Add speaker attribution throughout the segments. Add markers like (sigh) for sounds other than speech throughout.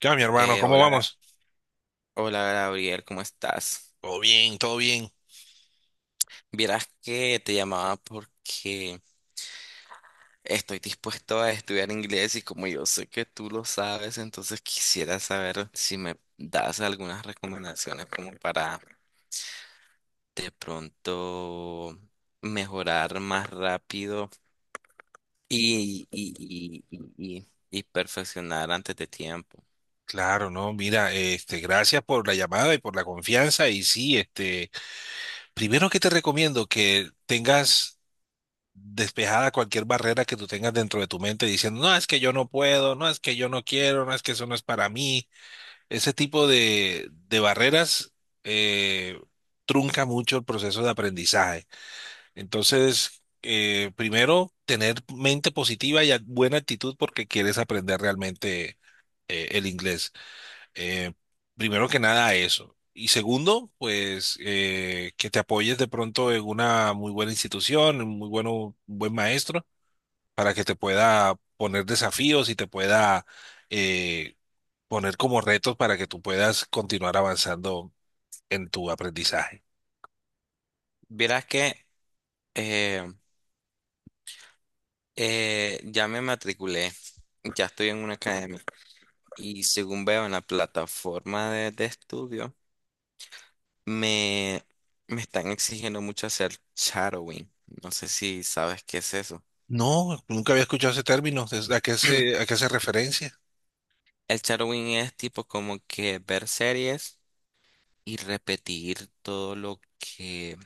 Speaker 1: Ya, mi hermano,
Speaker 2: Eh,
Speaker 1: ¿cómo
Speaker 2: hola, Ga-
Speaker 1: vamos?
Speaker 2: Hola Gabriel, ¿cómo estás?
Speaker 1: Todo bien, todo bien.
Speaker 2: Vieras que te llamaba porque estoy dispuesto a estudiar inglés y como yo sé que tú lo sabes, entonces quisiera saber si me das algunas recomendaciones como para de pronto mejorar más rápido y, y, y, y, y perfeccionar antes de tiempo.
Speaker 1: Claro, no, mira, gracias por la llamada y por la confianza. Y sí, primero que te recomiendo que tengas despejada cualquier barrera que tú tengas dentro de tu mente diciendo, no, es que yo no puedo, no, es que yo no quiero, no, es que eso no es para mí. Ese tipo de barreras eh, trunca mucho el proceso de aprendizaje. Entonces, primero, tener mente positiva y buena actitud porque quieres aprender realmente el inglés. Eh, Primero que nada, eso. Y segundo, pues que te apoyes de pronto en una muy buena institución, un buen maestro, para que te pueda poner desafíos y te pueda eh, poner como retos para que tú puedas continuar avanzando en tu aprendizaje.
Speaker 2: Vieras que eh, ya me matriculé, ya estoy en una academia. Y según veo en la plataforma de estudio, me, me están exigiendo mucho hacer shadowing. No sé si sabes qué es eso.
Speaker 1: No, nunca había escuchado ese término.
Speaker 2: (clears throat)
Speaker 1: ¿A qué hace referencia?
Speaker 2: El shadowing es tipo como que ver series y repetir todo lo que,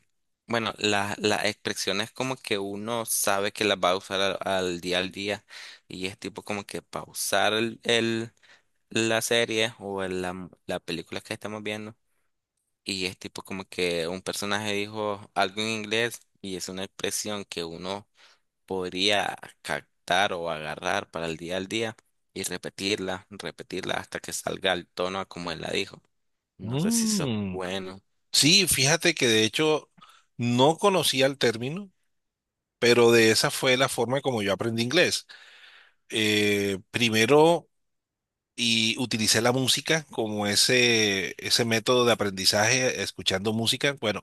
Speaker 2: bueno, las expresiones como que uno sabe que las va a usar al día al día, y es tipo como que pausar la serie o la película que estamos viendo. Y es tipo como que un personaje dijo algo en inglés y es una expresión que uno podría captar o agarrar para el día al día y repetirla hasta que salga el tono a como él la dijo. No sé si eso es
Speaker 1: Mm.
Speaker 2: bueno.
Speaker 1: Sí, fíjate que de hecho no conocía el término, pero de esa fue la forma como yo aprendí inglés. Primero, y utilicé la música como ese método de aprendizaje, escuchando música. Bueno,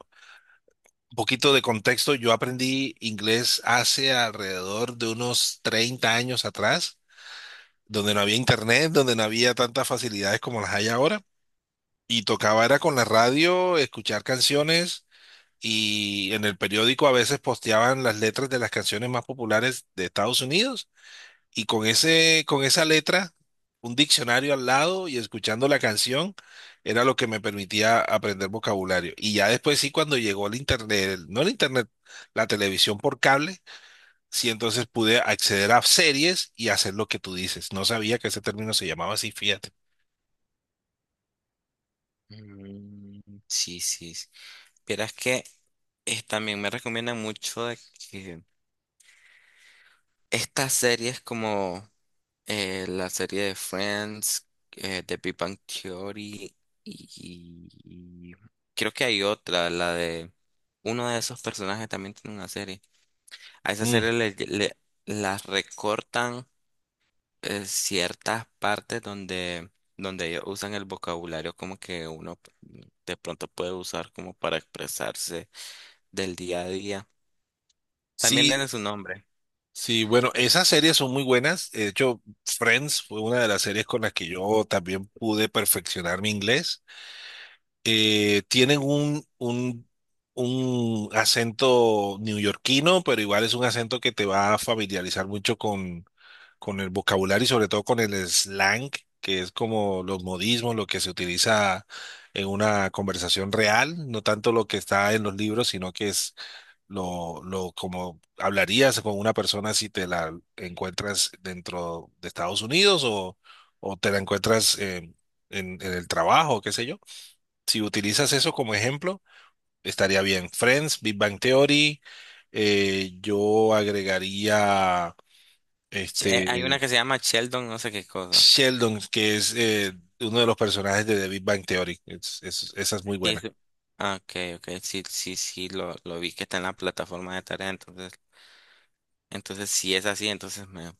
Speaker 1: un poquito de contexto, yo aprendí inglés hace alrededor de unos 30 años atrás, donde no había internet, donde no había tantas facilidades como las hay ahora, y tocaba era con la radio, escuchar canciones y en el periódico a veces posteaban las letras de las canciones más populares de Estados Unidos y con con esa letra, un diccionario al lado y escuchando la canción era lo que me permitía aprender vocabulario. Y ya después sí, cuando llegó el internet, no el internet, la televisión por cable, sí entonces pude acceder a series y hacer lo que tú dices. No sabía que ese término se llamaba así, fíjate.
Speaker 2: Mm, sí, sí, sí. Pero es que también me recomiendan mucho de que estas series como la serie de Friends, de Big Bang Theory, y creo que hay otra, la de uno de esos personajes también tiene una serie. A esa
Speaker 1: Mm.
Speaker 2: serie las recortan ciertas partes donde, donde ellos usan el vocabulario como que uno de pronto puede usar como para expresarse del día a día. También
Speaker 1: Sí,
Speaker 2: tiene su nombre.
Speaker 1: sí, bueno, esas series son muy buenas. De hecho, Friends fue una de las series con las que yo también pude perfeccionar mi inglés. Tienen un acento neoyorquino, pero igual es un acento que te va a familiarizar mucho con el vocabulario y sobre todo con el slang, que es como los modismos, lo que se utiliza en una conversación real, no tanto lo que está en los libros, sino que es como hablarías con una persona si te la encuentras dentro de Estados Unidos o te la encuentras en, en el trabajo, qué sé yo. Si utilizas eso como ejemplo, estaría bien. Friends, Big Bang Theory, yo agregaría
Speaker 2: Hay una
Speaker 1: este
Speaker 2: que se llama Sheldon, no sé qué cosa.
Speaker 1: Sheldon, que es uno de los personajes de The Big Bang Theory. Esa es muy
Speaker 2: Sí,
Speaker 1: buena.
Speaker 2: eso, ah, ok, ok, sí, sí, sí, lo vi que está en la plataforma de tarea, entonces, entonces si es así, entonces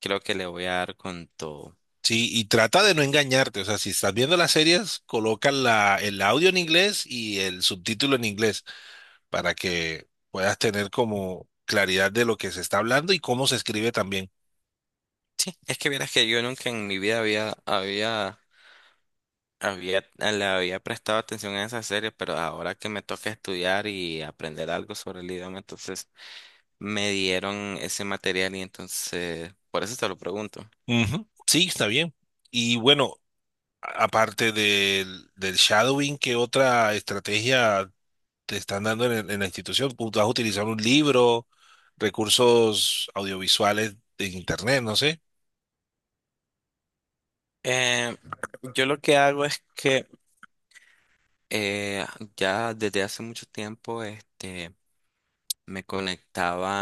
Speaker 2: creo que le voy a dar con todo.
Speaker 1: Sí, y trata de no engañarte. O sea, si estás viendo las series, coloca el audio en inglés y el subtítulo en inglés para que puedas tener como claridad de lo que se está hablando y cómo se escribe también.
Speaker 2: Sí, es que vieras que yo nunca en mi vida le había prestado atención a esa serie, pero ahora que me toca estudiar y aprender algo sobre el idioma, entonces me dieron ese material y entonces, por eso te lo pregunto.
Speaker 1: Ujú, sí, está bien. Y bueno, aparte del shadowing, ¿qué otra estrategia te están dando en, en la institución? ¿Tú vas a utilizar un libro, recursos audiovisuales de internet, no sé?
Speaker 2: Eh, yo lo que hago es que eh, ya desde hace mucho tiempo, este, me conectaba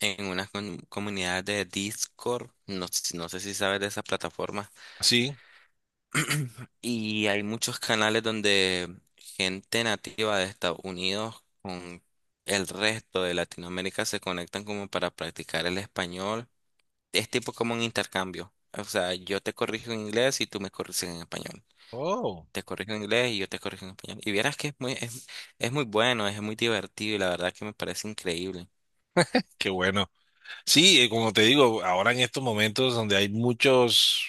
Speaker 2: en unas comunidades de Discord, no sé si sabes de esas plataformas,
Speaker 1: Sí.
Speaker 2: y hay muchos canales donde gente nativa de Estados Unidos con el resto de Latinoamérica se conectan como para practicar el español. Es tipo como un intercambio. O sea, yo te corrijo en inglés y tú me corriges en español.
Speaker 1: Oh,
Speaker 2: Te corrijo en inglés y yo te corrijo en español. Y vieras que es muy bueno, es muy divertido y la verdad que me parece increíble.
Speaker 1: qué bueno. Sí, como te digo, ahora en estos momentos donde hay muchas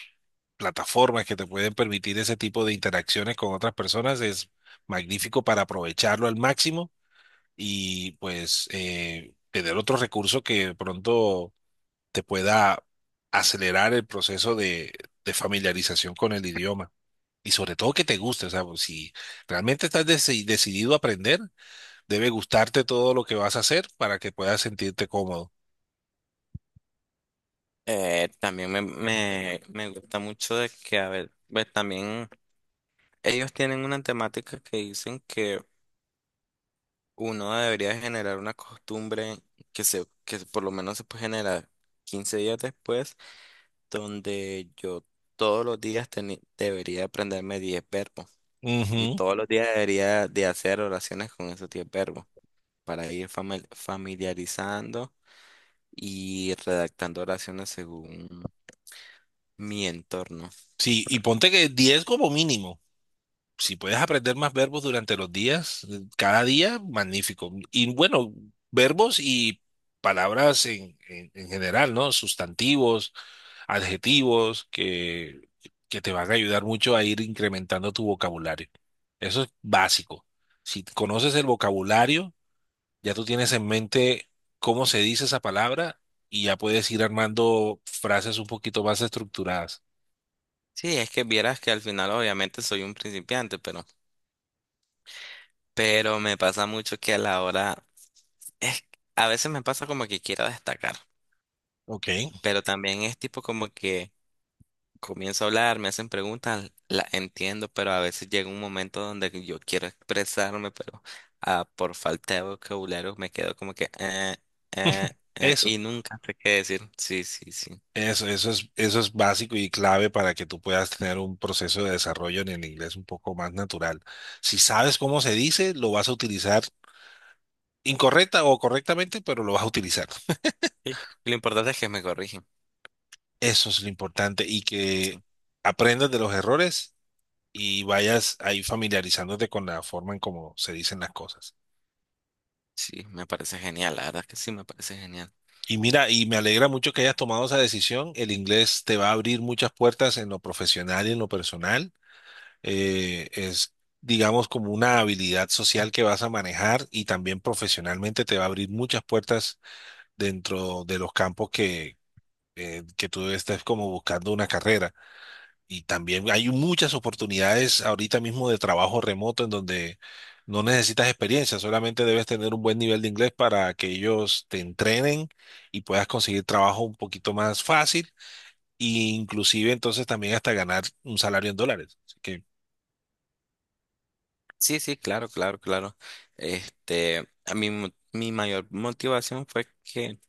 Speaker 1: plataformas que te pueden permitir ese tipo de interacciones con otras personas, es magnífico para aprovecharlo al máximo y pues tener otro recurso que de pronto te pueda acelerar el proceso de familiarización con el idioma. Y sobre todo que te guste, o sea, pues, si realmente estás decidido a aprender, debe gustarte todo lo que vas a hacer para que puedas sentirte cómodo.
Speaker 2: También me gusta mucho de que, a ver, pues también ellos tienen una temática que dicen que uno debería generar una costumbre que por lo menos se puede generar 15 días después, donde yo todos los días debería aprenderme 10 verbos y
Speaker 1: Ujú.
Speaker 2: todos los días debería de hacer oraciones con esos 10 verbos para ir familiarizando y redactando oraciones según mi entorno.
Speaker 1: Sí, y ponte que 10 como mínimo. Si puedes aprender más verbos durante los días, cada día, magnífico. Y bueno, verbos y palabras en, en general, ¿no? Sustantivos, adjetivos, que te van a ayudar mucho a ir incrementando tu vocabulario. Eso es básico. Si conoces el vocabulario, ya tú tienes en mente cómo se dice esa palabra y ya puedes ir armando frases un poquito más estructuradas.
Speaker 2: Sí, es que vieras que al final obviamente soy un principiante, pero me pasa mucho que a la hora, es, a veces me pasa como que quiero destacar,
Speaker 1: Ok.
Speaker 2: pero también es tipo como que comienzo a hablar, me hacen preguntas, las entiendo, pero a veces llega un momento donde yo quiero expresarme, pero por falta de vocabulario me quedo como que eh,
Speaker 1: Eso.
Speaker 2: y nunca sé qué decir. Sí, sí, sí.
Speaker 1: Eso es básico y clave para que tú puedas tener un proceso de desarrollo en el inglés un poco más natural. Si sabes cómo se dice, lo vas a utilizar incorrecta o correctamente, pero lo vas a utilizar.
Speaker 2: Sí, lo importante es que me corrigen.
Speaker 1: Eso es lo importante y
Speaker 2: Sí,
Speaker 1: que aprendas de los errores y vayas ahí familiarizándote con la forma en cómo se dicen las cosas.
Speaker 2: sí, me parece genial, la verdad que sí, me parece genial.
Speaker 1: Y mira, y me alegra mucho que hayas tomado esa decisión. El inglés te va a abrir muchas puertas en lo profesional y en lo personal, eh, es, digamos, como una habilidad social que vas a manejar y también profesionalmente te va a abrir muchas puertas dentro de los campos que tú estés como buscando una carrera. Y también hay muchas oportunidades ahorita mismo de trabajo remoto en donde no necesitas experiencia, solamente debes tener un buen nivel de inglés para que ellos te entrenen y puedas conseguir trabajo un poquito más fácil. E inclusive entonces también hasta ganar un salario en dólares. Así que,
Speaker 2: Sí, sí, claro, claro, claro. Este, a mí mi mayor motivación fue que,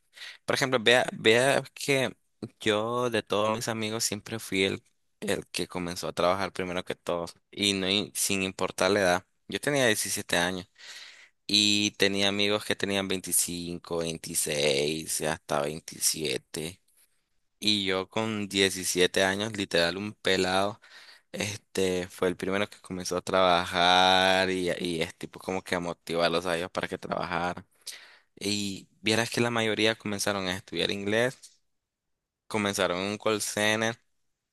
Speaker 2: por ejemplo, vea, vea que yo de todos mis amigos siempre fui el que comenzó a trabajar primero que todos y no sin importar la edad. Yo tenía 17 años y tenía amigos que tenían 25, 26 y hasta 27 y yo con 17 años, literal un pelado, este fue el primero que comenzó a trabajar, y es tipo como que a motivarlos a ellos para que trabajaran. Y vieras que la mayoría comenzaron a estudiar inglés, comenzaron en un call center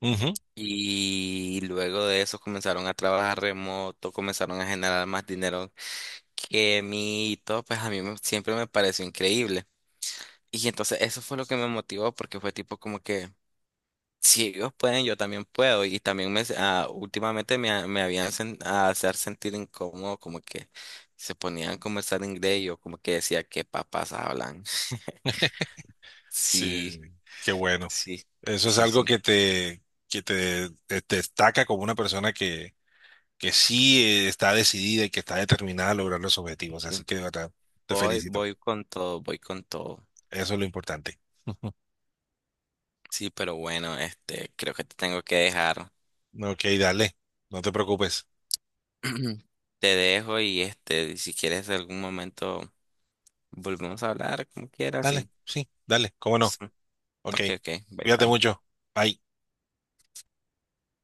Speaker 1: ujú.
Speaker 2: y luego de eso comenzaron a trabajar remoto, comenzaron a generar más dinero que mí y todo, pues a mí siempre me pareció increíble. Y entonces eso fue lo que me motivó porque fue tipo como que, si ellos pueden, yo también puedo. Y también últimamente me habían a hacer sentir incómodo, como que se ponían a conversar en inglés y yo como que decía, ¿qué papas hablan? (laughs)
Speaker 1: Sí,
Speaker 2: Sí,
Speaker 1: qué bueno.
Speaker 2: sí,
Speaker 1: Eso es
Speaker 2: sí,
Speaker 1: algo
Speaker 2: sí,
Speaker 1: que te, te destaca como una persona que sí está decidida y que está determinada a lograr los objetivos.
Speaker 2: sí.
Speaker 1: Así que de verdad, te
Speaker 2: Voy,
Speaker 1: felicito.
Speaker 2: voy con todo, voy con todo.
Speaker 1: Eso es lo importante. (laughs)
Speaker 2: Sí, pero bueno, este, creo que te tengo que dejar.
Speaker 1: Ok, dale. No te preocupes.
Speaker 2: (clears throat) Te dejo y, este, si quieres en algún momento volvemos a hablar, como quieras,
Speaker 1: Dale,
Speaker 2: sí.
Speaker 1: sí, dale. ¿Cómo no?
Speaker 2: Sí.
Speaker 1: Ok.
Speaker 2: Ok, ok, bye
Speaker 1: Cuídate
Speaker 2: bye.
Speaker 1: mucho. Bye.